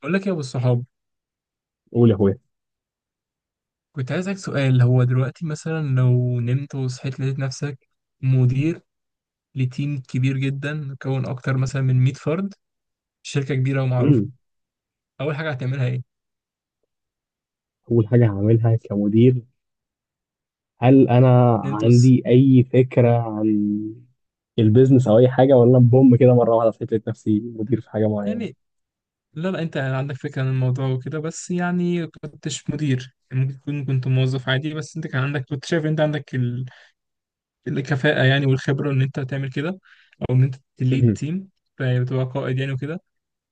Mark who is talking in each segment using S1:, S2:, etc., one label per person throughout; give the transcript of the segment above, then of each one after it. S1: بقول لك يا ابو الصحاب،
S2: قول يا اخويا.
S1: كنت عايزك سؤال. هو دلوقتي مثلا لو نمت وصحيت لقيت نفسك مدير لتيم كبير جدا مكون اكتر مثلا من 100 فرد، شركة كبيرة ومعروفة،
S2: امم
S1: اول حاجة هتعملها ايه؟
S2: اول حاجه هعملها كمدير، هل انا
S1: نمت وص...
S2: عندي اي فكره عن البيزنس او اي حاجه، ولا بوم كده مره واحده لقيت نفسي مدير في حاجه معينه؟
S1: يعني لا انت عندك فكرة عن الموضوع وكده، بس يعني كنتش مدير، يعني ممكن تكون كنت موظف عادي بس انت كان عندك، كنت شايف انت عندك الكفاءة يعني والخبرة ان انت تعمل كده، او ان انت تليد
S2: مهم.
S1: تيم، فبتبقى قائد يعني وكده.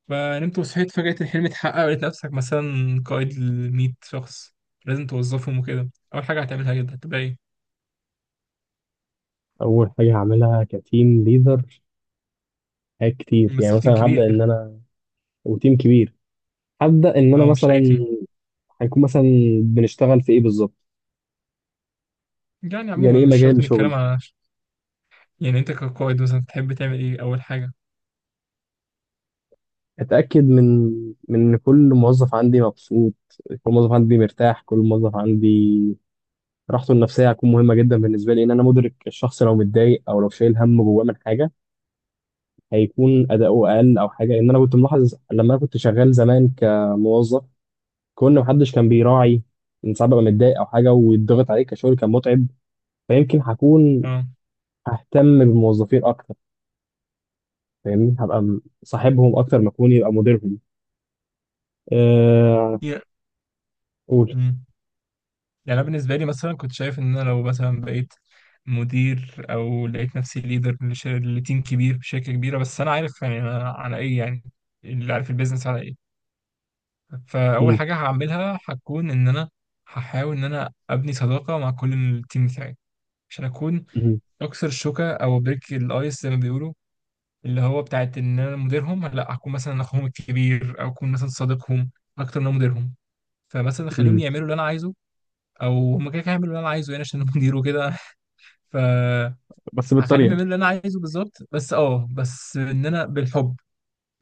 S1: فنمت وصحيت فجأة الحلم اتحقق ولقيت نفسك مثلا قائد لمية شخص لازم توظفهم وكده، أول حاجة هتعملها جدا هتبقى إيه؟
S2: اول حاجه هعملها كتيم ليدر حاجات كتير، يعني
S1: ممثل تيم
S2: مثلا هبدا ان
S1: كبير،
S2: انا وتيم كبير، هبدا ان انا
S1: أو مش
S2: مثلا
S1: أي تيم،
S2: هيكون مثلا بنشتغل في ايه بالظبط،
S1: يعني
S2: يعني
S1: عموما
S2: ايه
S1: مش شرط
S2: مجال
S1: إن الكلام
S2: شغلي.
S1: على، يعني أنت كقائد مثلا تحب تعمل إيه أول حاجة؟
S2: اتاكد من ان كل موظف عندي مبسوط، كل موظف عندي مرتاح، كل موظف عندي راحته النفسيه هتكون مهمه جدا بالنسبه لي، ان انا مدرك الشخص لو متضايق او لو شايل هم جواه من حاجه هيكون اداؤه اقل او حاجه، لان انا كنت ملاحظ لما انا كنت شغال زمان كموظف كون محدش كان بيراعي ان ساعات ببقى متضايق او حاجه ويتضغط عليك كشغل كان متعب. فيمكن هكون
S1: أه،
S2: ههتم بالموظفين اكتر. فاهمني، هبقى صاحبهم اكتر ما اكون يبقى مديرهم. أه...
S1: يا.
S2: قول.
S1: مم. يعني أنا بالنسبة لي مثلا كنت شايف إن أنا لو مثلا بقيت مدير أو لقيت نفسي ليدر لتيم كبير في شركة كبيرة، بس أنا عارف يعني أنا على إيه يعني، اللي عارف البيزنس على إيه. فاول
S2: مم،
S1: حاجه هعملها هتكون ان انا هحاول ان انا ابني صداقه مع كل التيم بتاعي، عشان اكون
S2: مم،
S1: اكسر الشوكه او بريك الايس زي ما بيقولوا، اللي هو بتاعت ان انا مديرهم، لا هكون مثلا اخوهم الكبير او اكون مثلا صديقهم اكتر من أنا مديرهم. فمثلا اخليهم
S2: مم،
S1: يعملوا اللي انا عايزه، او هم كده كده هيعملوا اللي انا عايزه يعني عشان أنا مدير وكده. ف
S2: بس
S1: هخليهم
S2: بالطريقه.
S1: يعملوا اللي انا عايزه بالظبط، بس اه بس ان انا بالحب،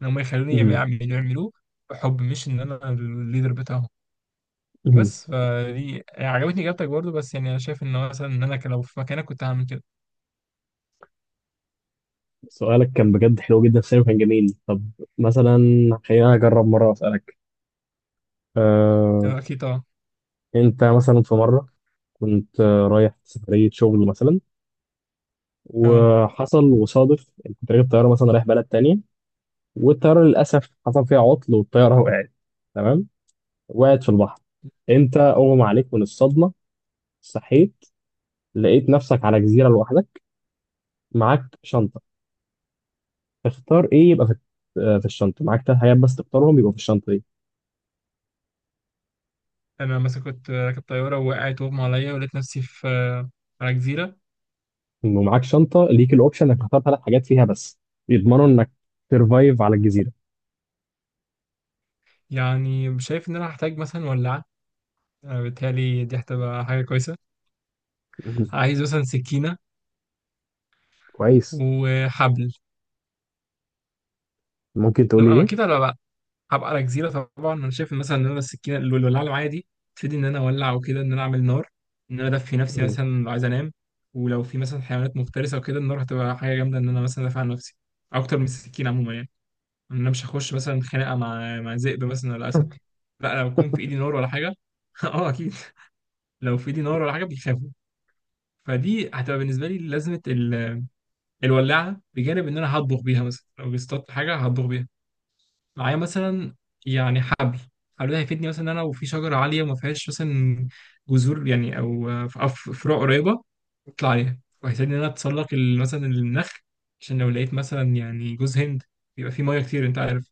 S1: ان هم يخلوني يعملوا يعملوه بحب، مش ان انا الليدر بتاعهم.
S2: مم،
S1: بس فدي يعني عجبتني اجابتك برضو، بس يعني انا شايف ان مثلا ان انا لو في مكانك كنت هعمل كده.
S2: سؤالك كان بجد حلو جدا، السينما كان جميل. طب مثلا خلينا أجرب مرة وأسألك. أه
S1: آه، اكيد طبعا.
S2: أنت مثلا في مرة كنت رايح سفرية شغل مثلا،
S1: اه،
S2: وحصل وصادف إنك كنت راكب طيارة مثلا رايح بلد تانية، والطيارة للأسف حصل فيها عطل والطيارة وقعت. تمام. وقعت في البحر. أنت أغمى عليك من الصدمة، صحيت لقيت نفسك على جزيرة لوحدك معاك شنطة. تختار إيه يبقى في في الشنطة؟ معاك تلات حاجات بس تختارهم يبقوا في الشنطة دي.
S1: انا مثلا كنت راكب طياره ووقعت واغمى عليا ولقيت نفسي في آه، على جزيره.
S2: ومعاك شنطه ليك الاوبشن انك تختار ثلاث حاجات فيها بس يضمنوا انك ترفايف على الجزيره.
S1: يعني شايف ان انا هحتاج مثلا ولاعه، آه، بالتالي دي هتبقى حاجه كويسه.
S2: مم.
S1: عايز مثلا سكينه
S2: كويس.
S1: وحبل.
S2: ممكن تقول
S1: لما
S2: لي
S1: أنا
S2: ايه؟
S1: اكيد هبقى على جزيره طبعا، انا شايف مثلا ان انا السكينه الولاعه اللي معايا دي تفيدني ان انا اولع وكده، ان انا اعمل نار، ان انا ادفي نفسي
S2: مم.
S1: مثلا لو عايز انام. ولو في مثلا حيوانات مفترسه وكده، النار هتبقى حاجه جامده ان انا مثلا ادافع عن نفسي اكتر من السكينه عموما يعني. انا مش هخش مثلا خناقه مع مع ذئب مثلا ولا اسد، لا لو يكون في ايدي نار ولا حاجه. اه اكيد، لو في ايدي نار ولا حاجه بيخافوا. فدي هتبقى بالنسبه لي لازمه. الولاعه بجانب ان انا هطبخ بيها مثلا، لو اصطدت حاجه هطبخ بيها معايا مثلا. يعني حبل، حبل ده هيفيدني مثلا ان انا وفي شجره عاليه وما فيهاش مثلا جذور يعني او أو فروع قريبه اطلع عليها، وهيساعدني ان انا اتسلق مثلا النخل، عشان لو لقيت مثلا يعني جوز هند بيبقى فيه ميه كتير انت عارف.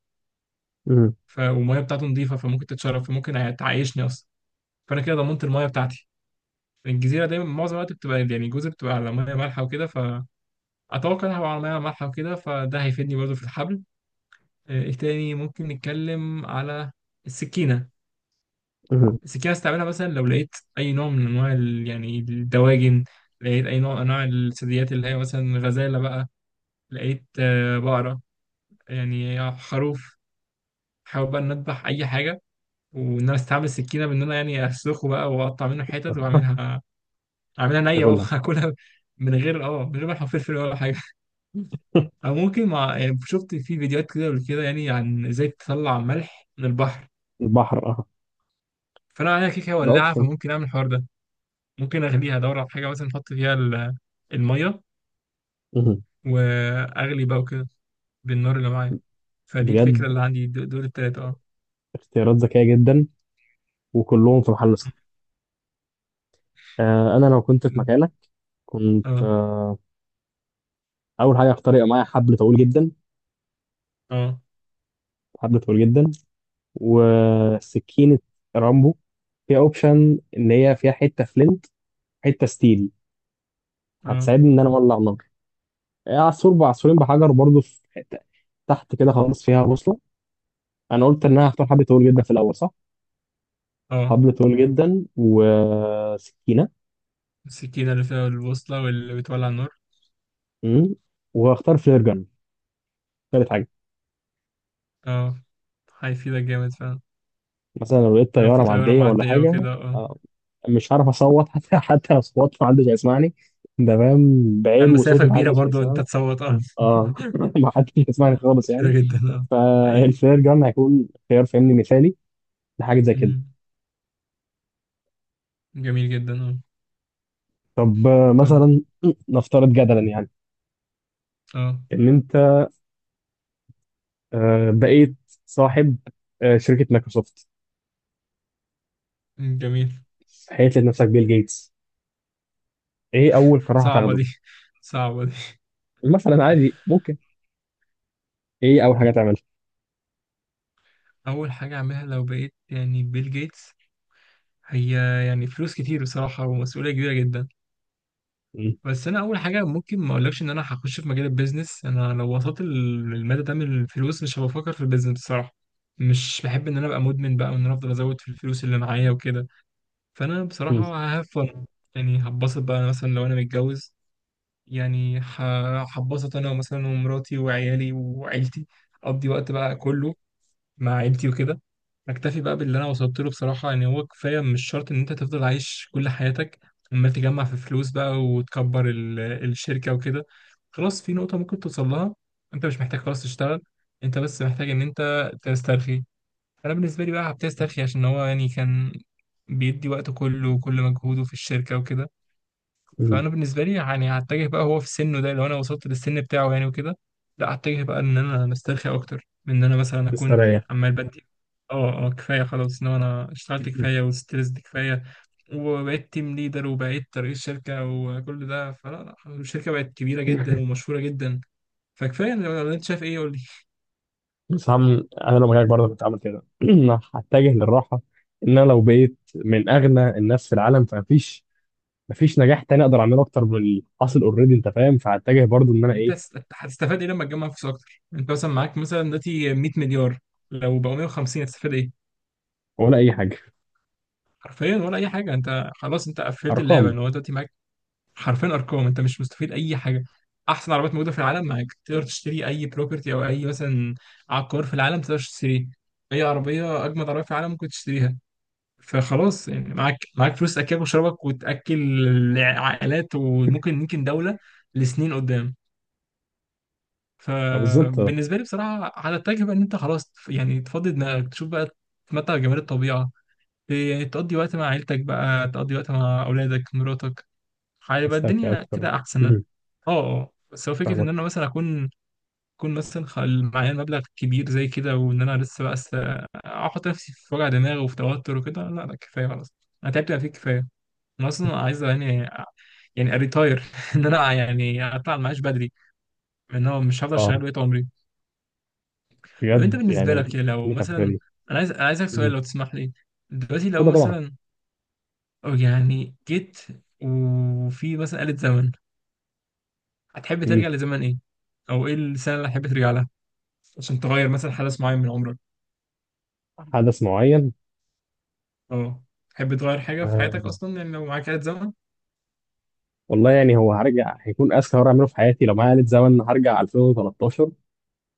S2: مم.
S1: والميه بتاعته نظيفه فممكن تتشرب، فممكن تعيشني اصلا. فانا كده ضمنت الميه بتاعتي. الجزيره دايما معظم الوقت بتبقى يعني جزر بتبقى على ميه مالحه وكده، فاتوقع انها هبقى على ميه مالحه وكده، فده هيفيدني برضه في الحبل. آه، ايه تاني ممكن نتكلم على؟ السكينه
S2: مم.
S1: بس كده استعملها مثلا لو لقيت اي نوع من انواع يعني الدواجن، لقيت اي نوع من انواع الثدييات اللي هي مثلا غزاله بقى، لقيت آه، بقره، يعني خروف، حاول بقى ان اذبح اي حاجه وان انا استعمل السكينه بان انا يعني اسلخه بقى واقطع منه حتت واعملها، اعملها نيه بقى
S2: تاكلها.
S1: واكلها من غير من غير ما احط فلفل ولا حاجه. او ممكن مع، يعني شفت في فيديوهات كده قبل كده يعني عن ازاي تطلع ملح من البحر،
S2: البحر، اه.
S1: فانا عليها كيكه
S2: ده
S1: ولاعه
S2: اوبشن.
S1: فممكن اعمل الحوار ده. ممكن اغليها، ادور على حاجه مثلا احط فيها الميه
S2: مم.
S1: واغلي بقى وكده بالنار اللي معايا. فدي الفكره
S2: بجد
S1: اللي عندي، دول التلاته اه.
S2: اختيارات ذكيه جدا، وكلهم في محل صح. انا لو كنت في
S1: م-
S2: مكانك كنت
S1: اه.
S2: اول حاجه اختار يبقى معايا حبل طويل جدا،
S1: اه.
S2: حبل طويل جدا وسكينه رامبو فيها اوبشن ان هي فيها حته فلنت حته ستيل
S1: اه.
S2: هتساعدني ان انا اولع نار. عصفور بعصفورين بحجر، برضه في حته تحت كده خالص فيها بوصله. انا قلت ان انا هختار حبل طويل جدا في الاول، صح؟
S1: اه.
S2: حبل طويل جدا وسكينه.
S1: السكينه اللي فيها البوصله واللي بتولع النار.
S2: امم وهختار فلير جن تالت حاجه،
S1: اه، هيفيدك جامد فعلا،
S2: مثلا لو لقيت
S1: لو
S2: طياره
S1: في طياره
S2: معديه ولا
S1: معديه
S2: حاجه.
S1: وكده اه.
S2: آه، مش هعرف اصوت حتى لو صوت محدش هيسمعني، ده فاهم بعير وصوتي
S1: المسافه كبيره
S2: محدش
S1: برضو انت
S2: هيسمعني.
S1: تصوت اه.
S2: اه محدش هيسمعني
S1: مسافة
S2: خالص يعني.
S1: كبيره جدا اه. حقيقي.
S2: فالفلير جن هيكون خيار فني مثالي لحاجه زي كده.
S1: م. جميل جدا اه.
S2: طب
S1: طب
S2: مثلا نفترض جدلا يعني
S1: اه.
S2: ان انت بقيت صاحب شركة مايكروسوفت،
S1: م، جميل.
S2: حيث لقيت نفسك بيل جيتس. ايه اول قرار
S1: صعبه
S2: هتاخده؟
S1: دي، صعبه دي.
S2: مثلا عادي ممكن، ايه اول حاجة تعملها؟
S1: أول حاجة أعملها لو بقيت يعني بيل جيتس، هي يعني فلوس كتير بصراحة ومسؤولية كبيرة جدا.
S2: مم،
S1: بس أنا أول حاجة، ممكن ما أقولكش إن أنا هخش في مجال البيزنس. أنا لو وصلت للمدى ده من الفلوس، مش هبقى بفكر في البيزنس بصراحة. مش بحب إن أنا أبقى مدمن بقى، وإن أنا أفضل أزود في الفلوس اللي معايا وكده. فأنا
S2: مم،
S1: بصراحة ههفن، يعني هتبسط بقى. أنا مثلا لو أنا متجوز، يعني هتبسط أنا مثلا ومراتي وعيالي وعيلتي، أقضي وقت بقى كله مع عيلتي وكده. اكتفي بقى باللي انا وصلت له بصراحه، يعني هو كفايه مش شرط ان انت تفضل عايش كل حياتك عمال تجمع في فلوس بقى وتكبر الشركه وكده. خلاص في نقطه ممكن توصل لها، انت مش محتاج خلاص تشتغل، انت بس محتاج ان انت تسترخي. انا بالنسبه لي بقى هبتدي استرخي، عشان هو يعني كان بيدي وقته كله وكل مجهوده في الشركه وكده.
S2: مم.
S1: فانا بالنسبه لي يعني هتجه بقى، هو في سنه ده لو انا وصلت للسن بتاعه يعني وكده، لا هتجه بقى ان انا مسترخي اكتر من ان انا مثلا اكون
S2: تستريح.
S1: عمال بدي. اه كفايه خلاص، ان هو انا اشتغلت كفايه وستريسد كفايه وبقيت تيم ليدر وبقيت رئيس شركه وكل ده، فلا لا الشركه بقت كبيره جدا ومشهوره جدا. فكفايه، لو انت شايف ايه قول لي.
S2: بس هم انا لو مكانك برضه كنت عامل كده، أنا هتجه للراحة. ان انا لو بقيت من اغنى الناس في العالم فمفيش مفيش نجاح تاني اقدر اعمله اكتر من اللي حاصل اوريدي، انت فاهم، فهتجه برضه ان انا
S1: يعني انت
S2: ايه؟
S1: هتستفاد ايه لما تجمع فلوس اكتر؟ انت مثلا معاك مثلا دلوقتي 100 مليار، لو بقوا 150 هتستفاد ايه؟
S2: ولا اي حاجة.
S1: حرفيا ولا اي حاجه. انت خلاص انت قفلت اللعبه
S2: ارقام.
S1: ان هو دلوقتي معاك حرفيا ارقام، انت مش مستفيد اي حاجه. احسن عربيات موجوده في العالم معاك، تقدر تشتري اي بروبرتي او اي مثلا عقار في العالم تقدر تشتريه، اي عربيه اجمد عربيه في العالم ممكن تشتريها. فخلاص يعني معاك، معاك فلوس تاكلك وشربك وتاكل عائلات وممكن يمكن دوله لسنين قدام.
S2: آه، بالظبط، آه،
S1: فبالنسبه لي بصراحه على التجربه ان انت خلاص يعني تفضي دماغك، تشوف بقى تتمتع بجمال الطبيعه، يعني تقضي وقت مع عيلتك بقى، تقضي وقت مع اولادك مراتك، هيبقى
S2: تسترخي
S1: الدنيا
S2: اكتر.
S1: كده احسن. اه
S2: مم،
S1: اه، بس هو فكره ان
S2: فاهمك.
S1: انا مثلا اكون، اكون مثلا معايا مبلغ كبير زي كده، وان انا لسه بقى احط نفسي في وجع دماغ وفي توتر وكده، لا لا كفايه خلاص، انا تعبت بقى فيه كفايه. انا اصلا عايز يعني يعني اريتاير، ان انا يعني اطلع المعاش بدري، ان هو مش هفضل
S2: اه
S1: شغال بقيت عمري. طب انت
S2: بجد
S1: بالنسبه لك
S2: يعني
S1: يا، لو
S2: ليك على الفكره
S1: مثلا،
S2: دي.
S1: انا عايز انا عايزك سؤال
S2: مم.
S1: لو تسمح لي. دلوقتي لو
S2: اتفضل طبعا.
S1: مثلا، أو يعني جيت وفي مثلا آلة زمن، هتحب
S2: مم.
S1: ترجع لزمن ايه؟ او ايه السنه اللي هتحب ترجع عشان تغير مثلا حدث معين من عمرك؟
S2: حدث معين.
S1: اه، تحب تغير حاجة في حياتك
S2: آه.
S1: أصلا يعني لو معاك آلة زمن؟
S2: والله يعني هو هرجع هيكون اذكى مره اعمله في حياتي، لو معايا آلة زمن هرجع 2013.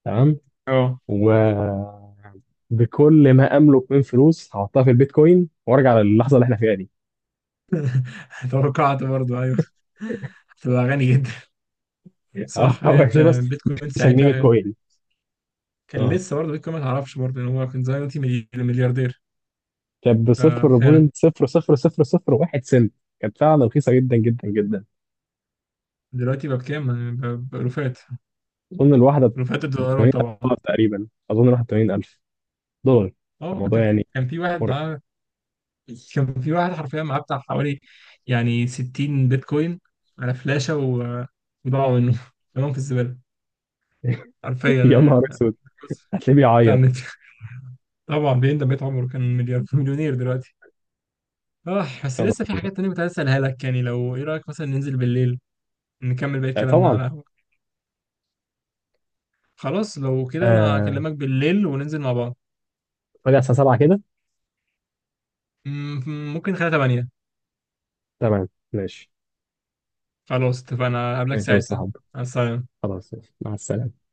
S2: تمام.
S1: اه.
S2: وبكل ما املك من فلوس هحطها في البيتكوين وارجع للحظه اللي احنا فيها دي.
S1: توقعت برضو أيوه، هتبقى غني جدا.
S2: اه
S1: صح
S2: هو
S1: أيوة، أنت
S2: يعني بس.
S1: بيتكوين
S2: 9 جنيه
S1: ساعتها
S2: بيتكوين.
S1: كان
S2: اه
S1: لسه برضه بيتكوين، ما تعرفش برضه إن هو كان زمان دلوقتي ملياردير.
S2: كانت ب
S1: ففعلا
S2: 0.00001 سنت، كانت فعلا رخيصه جدا جدا جدا.
S1: دلوقتي بقى بكام؟ يعني بألوفات،
S2: اظن الواحده
S1: ألوفات
S2: ب
S1: الدولارات
S2: 80000
S1: طبعا.
S2: دولار تقريبا، اظن الواحده 80,000 دولار.
S1: اه،
S2: الموضوع يعني
S1: كان في واحد
S2: مرعب.
S1: معاه، كان في واحد حرفيا معاه بتاع حوالي يعني 60 بيتكوين على فلاشة وضاعوا منه كلهم في الزبالة حرفيا.
S2: يا نهار
S1: آه،
S2: اسود.
S1: بس
S2: هتلاقيه
S1: فاهم.
S2: بيعيط.
S1: طبعا بيندم بقيت عمره، كان مليار مليونير دلوقتي. اه، بس
S2: يا
S1: لسه في
S2: نهار-
S1: حاجات تانية كنت عايز اسالها لك. يعني لو، ايه رايك مثلا ننزل بالليل نكمل باقي
S2: آه،
S1: كلامنا
S2: طبعا.
S1: على القهوه؟ خلاص لو كده انا
S2: آه...
S1: هكلمك بالليل وننزل مع بعض.
S2: راجع الساعة 7 كده.
S1: ممكن خلال 8.
S2: تمام ماشي.
S1: خلاص اتفقنا، هقابلك
S2: ماشي يا أستاذ
S1: ساعتها،
S2: صاحبي.
S1: على السلامه.
S2: خلاص ماشي. مع السلامة.